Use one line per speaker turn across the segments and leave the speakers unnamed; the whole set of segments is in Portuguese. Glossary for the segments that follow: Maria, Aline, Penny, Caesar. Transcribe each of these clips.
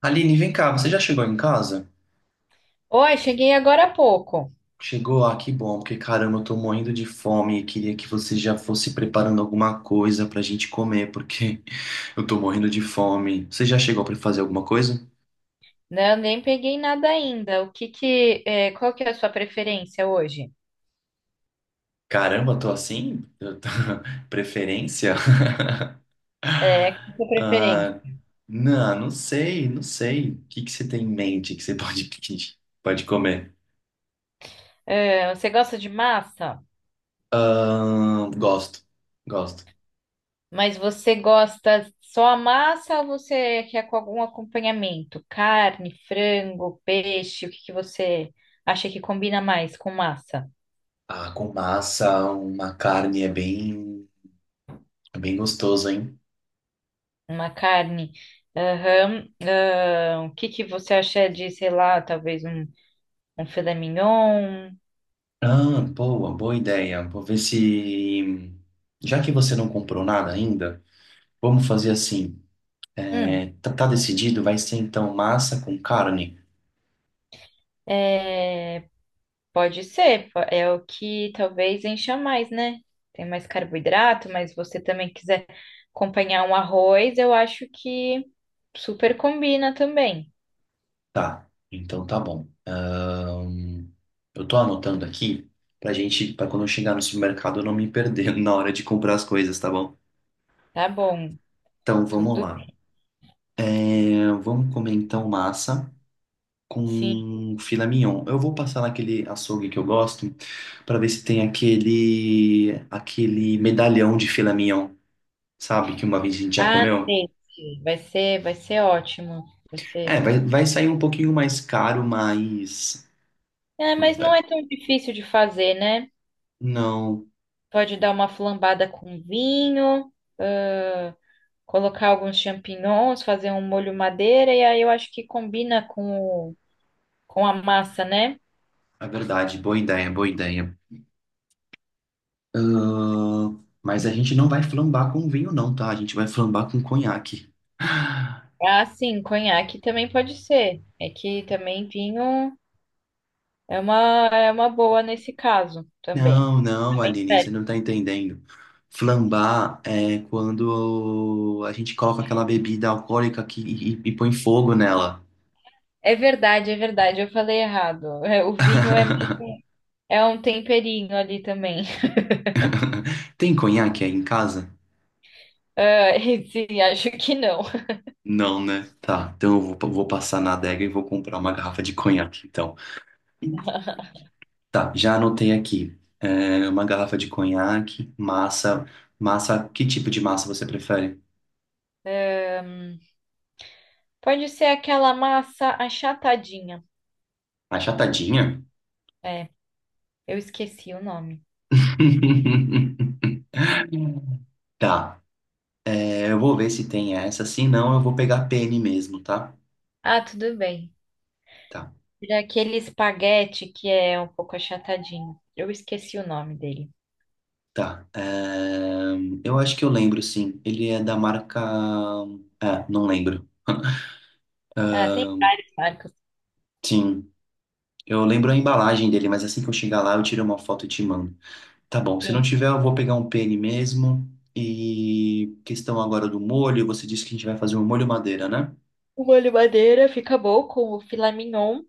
Aline, vem cá, você já chegou em casa?
Oi, cheguei agora há pouco,
Chegou? Ah, que bom, porque caramba, eu tô morrendo de fome e queria que você já fosse preparando alguma coisa pra gente comer, porque eu tô morrendo de fome. Você já chegou pra fazer alguma coisa?
né? Eu nem peguei nada ainda. O que que, é, qual que é a sua preferência hoje?
Caramba, tô assim? Eu tô- Preferência?
É, qual que é a sua preferência?
Ah, não sei, não sei. O que que você tem em mente que você pode pedir? Pode comer?
É, você gosta de massa?
Ah, gosto.
Mas você gosta só a massa ou você quer com algum acompanhamento? Carne, frango, peixe? O que que você acha que combina mais com massa?
Ah, com massa, uma carne é bem. É bem gostoso, hein?
Uma carne? Aham. O que que você acha de, sei lá, um filé mignon?
Ah, boa ideia. Vou ver se. Já que você não comprou nada ainda, vamos fazer assim.
Hum.
É, tá decidido? Vai ser então massa com carne?
É, Pode ser, é o que talvez encha mais, né? Tem mais carboidrato, mas você também quiser acompanhar um arroz, eu acho que super combina também.
Tá, então tá bom. Eu tô anotando aqui pra gente, pra quando eu chegar no supermercado eu não me perder na hora de comprar as coisas, tá bom?
Tá bom,
Então vamos
tudo
lá. É, vamos comer então massa
sim.
com filé mignon. Eu vou passar naquele açougue que eu gosto para ver se tem aquele medalhão de filé mignon, sabe? Que uma vez a gente já
Ah,
comeu.
sei, sei. Vai ser, vai ser ótimo. Vai
É,
ser.
vai sair um pouquinho mais caro, mas
É, mas não
é,
é tão difícil de fazer, né?
não,
Pode dar uma flambada com vinho, ah, colocar alguns champignons, fazer um molho madeira, e aí eu acho que com a massa, né?
é verdade. Boa ideia. Mas a gente não vai flambar com vinho, não, tá? A gente vai flambar com conhaque.
Ah, sim, conhaque também pode ser. É que também vinho é uma boa nesse caso também.
Não,
Também
Aline, você
serve.
não tá entendendo. Flambar é quando a gente coloca aquela bebida alcoólica e põe fogo nela.
É verdade, eu falei errado. É, o vinho é, é um temperinho ali também.
Tem conhaque aí em casa?
Ah, esse, acho que não.
Não, né? Tá, então eu vou passar na adega e vou comprar uma garrafa de conhaque, então. Tá, já anotei aqui. É, uma garrafa de conhaque, massa. Massa, que tipo de massa você prefere?
Pode ser aquela massa achatadinha.
Achatadinha?
É, eu esqueci o nome.
Tá. É, eu vou ver se tem essa. Se não, eu vou pegar a Penny mesmo, tá?
Ah, tudo bem.
Tá,
Era aquele espaguete que é um pouco achatadinho. Eu esqueci o nome dele.
tá. É, eu acho que eu lembro, sim. Ele é da marca. É, não lembro.
Ah, tem várias marcas.
Sim. Eu lembro a embalagem dele, mas assim que eu chegar lá, eu tiro uma foto e te mando. Tá bom. Se não
Sim.
tiver, eu vou pegar um pene mesmo. E questão agora do molho. Você disse que a gente vai fazer um molho madeira, né?
O molho madeira fica bom com o filé mignon.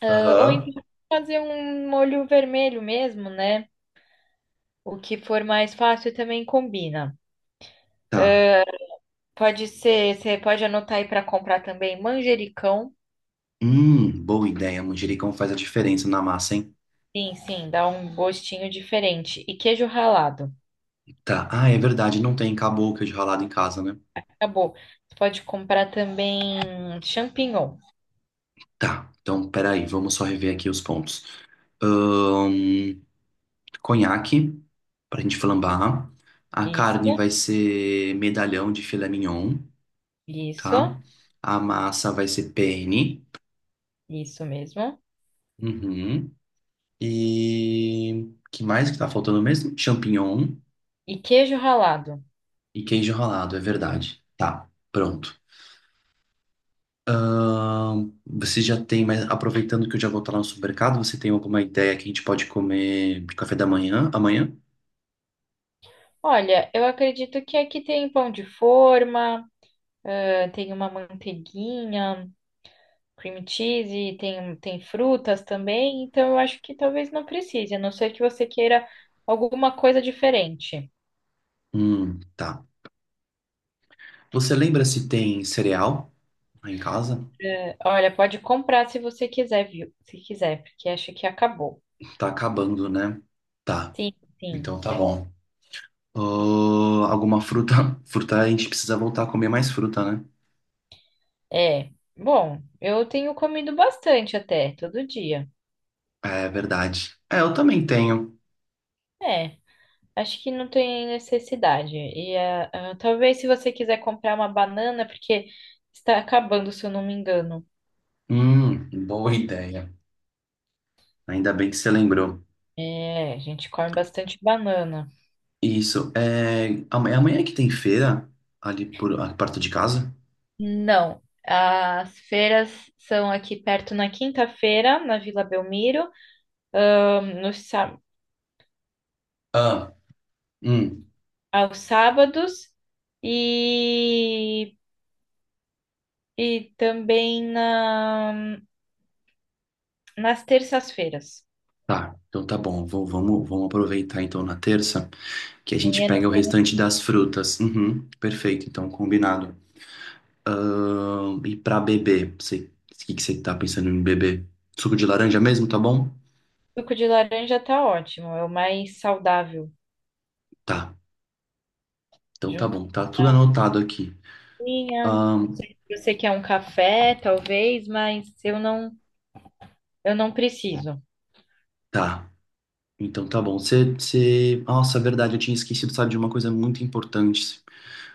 Ah, ou então
Aham.
fazer um molho vermelho mesmo, né? O que for mais fácil também combina.
Tá.
Pode ser, você pode anotar aí para comprar também manjericão.
Boa ideia. Manjericão faz a diferença na massa, hein?
Sim, sim, dá um gostinho diferente. E queijo ralado.
Tá. Ah, é verdade. Não tem caboclo de ralado em casa, né?
Acabou. Você pode comprar também champignon.
Tá, então peraí, vamos só rever aqui os pontos. Ahn, conhaque, pra gente flambar. A carne
Isso,
vai ser medalhão de filé mignon, tá?
isso,
A massa vai ser penne.
isso mesmo.
Uhum. E que mais que tá faltando mesmo? Champignon
E queijo ralado.
e queijo ralado, é verdade. Tá, pronto. Você já tem, mas aproveitando que eu já vou estar lá no supermercado, você tem alguma ideia que a gente pode comer de café da manhã amanhã?
Olha, eu acredito que aqui tem pão de forma. Ah, tem uma manteiguinha, cream cheese, tem, tem frutas também, então eu acho que talvez não precise, a não ser que você queira alguma coisa diferente.
Tá. Você lembra se tem cereal lá em casa?
É, olha, pode comprar se você quiser, viu? Se quiser, porque acho que acabou.
Tá acabando, né? Tá.
Sim, sim.
Então tá bom. Alguma fruta? Fruta a gente precisa voltar a comer mais fruta, né?
É. Bom, eu tenho comido bastante até, todo dia.
É verdade. É, eu também tenho.
É, acho que não tem necessidade. Talvez se você quiser comprar uma banana, porque está acabando, se eu não me engano.
Boa ideia. Ainda bem que você lembrou.
É, a gente come bastante banana.
Isso. É amanhã que tem feira ali por ah, perto de casa?
Não. As feiras são aqui perto na quinta-feira, na Vila Belmiro, nos, sá-
Ah, hum.
aos sábados e, e também nas terças-feiras.
Tá. Então tá bom. Vamos aproveitar então na terça que a gente
Amanhã
pega
não
o
tem
restante das frutas. Uhum, perfeito. Então combinado. E pra beber, você, o que que você tá pensando em beber? Suco de laranja mesmo, tá bom?
suco de laranja, tá ótimo, é o mais saudável,
Tá. Então tá
junto com
bom, tá tudo
a
anotado aqui.
minha. Não
Ahn,
sei se você quer um café, talvez, mas eu não preciso.
tá. Então tá bom. Você, você... Nossa, é verdade, eu tinha esquecido, sabe, de uma coisa muito importante.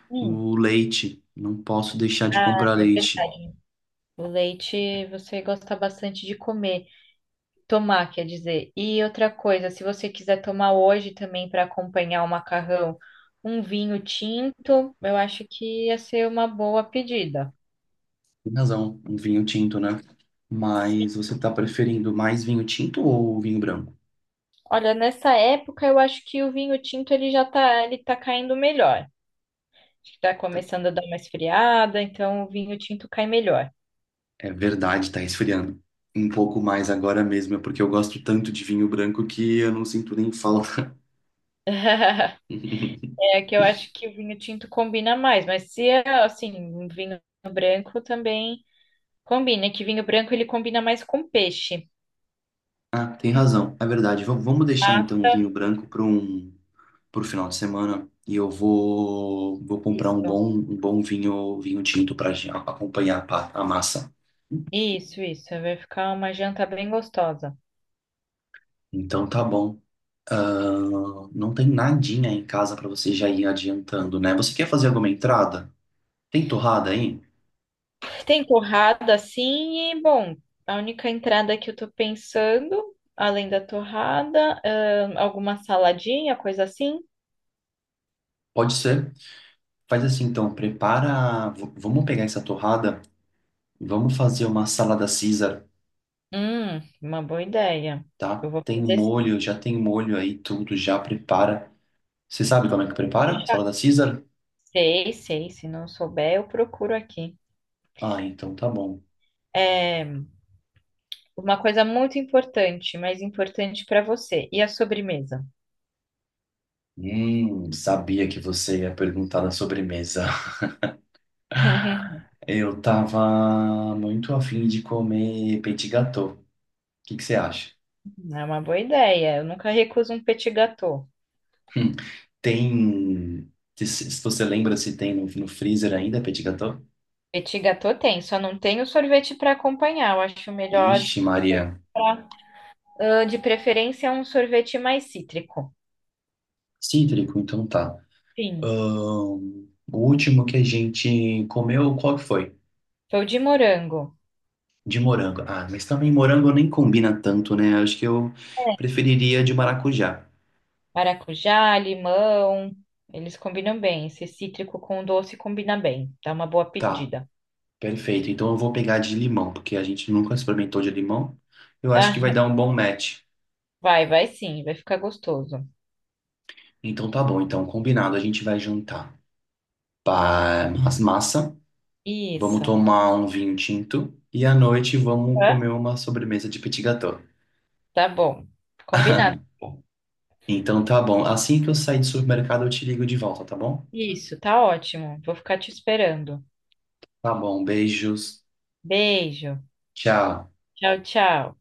Hum,
O leite. Não posso deixar de
ah,
comprar
é
leite.
verdade. O leite você gosta bastante de comer, tomar, quer dizer. E outra coisa, se você quiser tomar hoje também para acompanhar o macarrão, um vinho tinto, eu acho que ia ser uma boa pedida.
Tem razão, um vinho tinto, né? Mas você tá preferindo mais vinho tinto ou vinho branco?
Olha, nessa época eu acho que o vinho tinto ele já tá, ele tá caindo melhor. Acho que tá começando a dar uma esfriada, então o vinho tinto cai melhor.
É verdade, tá esfriando. Um pouco mais agora mesmo, é porque eu gosto tanto de vinho branco que eu não sinto nem falta.
É que eu acho que o vinho tinto combina mais, mas se é assim, um vinho branco também combina, que vinho branco ele combina mais com peixe.
Ah, tem razão, é verdade. Vamos deixar
Ah,
então o vinho branco para pro final de semana e eu vou comprar um
isso.
bom um bom vinho tinto para acompanhar a massa.
Isso, isso. Vai ficar uma janta bem gostosa.
Então tá bom. Ah, não tem nadinha em casa para você já ir adiantando, né? Você quer fazer alguma entrada? Tem torrada aí?
Tem torrada, assim, e, bom, a única entrada que eu tô pensando, além da torrada, alguma saladinha, coisa assim.
Pode ser. Faz assim então, prepara. Vamos pegar essa torrada e vamos fazer uma salada Caesar,
Uma boa ideia.
tá?
Eu vou
Tem
fazer sim.
molho, já tem molho aí, tudo já prepara. Você sabe como é que prepara? Salada Caesar?
Sei, sei. Se não souber, eu procuro aqui.
Ah, então tá bom.
É uma coisa muito importante, mas importante para você. E a sobremesa?
Sabia que você ia perguntar da sobremesa. Eu tava muito afim de comer petit gâteau. O que que você acha?
É uma boa ideia. Eu nunca recuso um petit gâteau.
Hum, tem. Se você lembra se tem no, no freezer ainda petit gâteau?
Petit gâteau tem, só não tem o sorvete para acompanhar. Eu acho melhor
Ixi, Maria.
você comprar, ah, de preferência, um sorvete mais cítrico.
Cítrico, então tá.
Sim.
O último que a gente comeu, qual que foi?
Foi de morango,
De morango. Ah, mas também morango nem combina tanto, né? Acho que eu preferiria de maracujá.
maracujá, limão. Eles combinam bem. Esse cítrico com doce combina bem. Dá uma boa
Tá,
pedida.
perfeito. Então eu vou pegar de limão, porque a gente nunca experimentou de limão. Eu acho que
Ah,
vai dar um bom match.
vai, vai sim, vai ficar gostoso.
Então tá bom, então combinado, a gente vai jantar. Pá, as massa, vamos
Isso.
tomar um vinho tinto e à noite vamos
Hã?
comer uma sobremesa de petit gâteau.
Tá bom. Combinado.
Então tá bom. Assim que eu sair do supermercado, eu te ligo de volta, tá bom?
Isso, tá ótimo. Vou ficar te esperando.
Tá bom, beijos.
Beijo.
Tchau.
Tchau, tchau.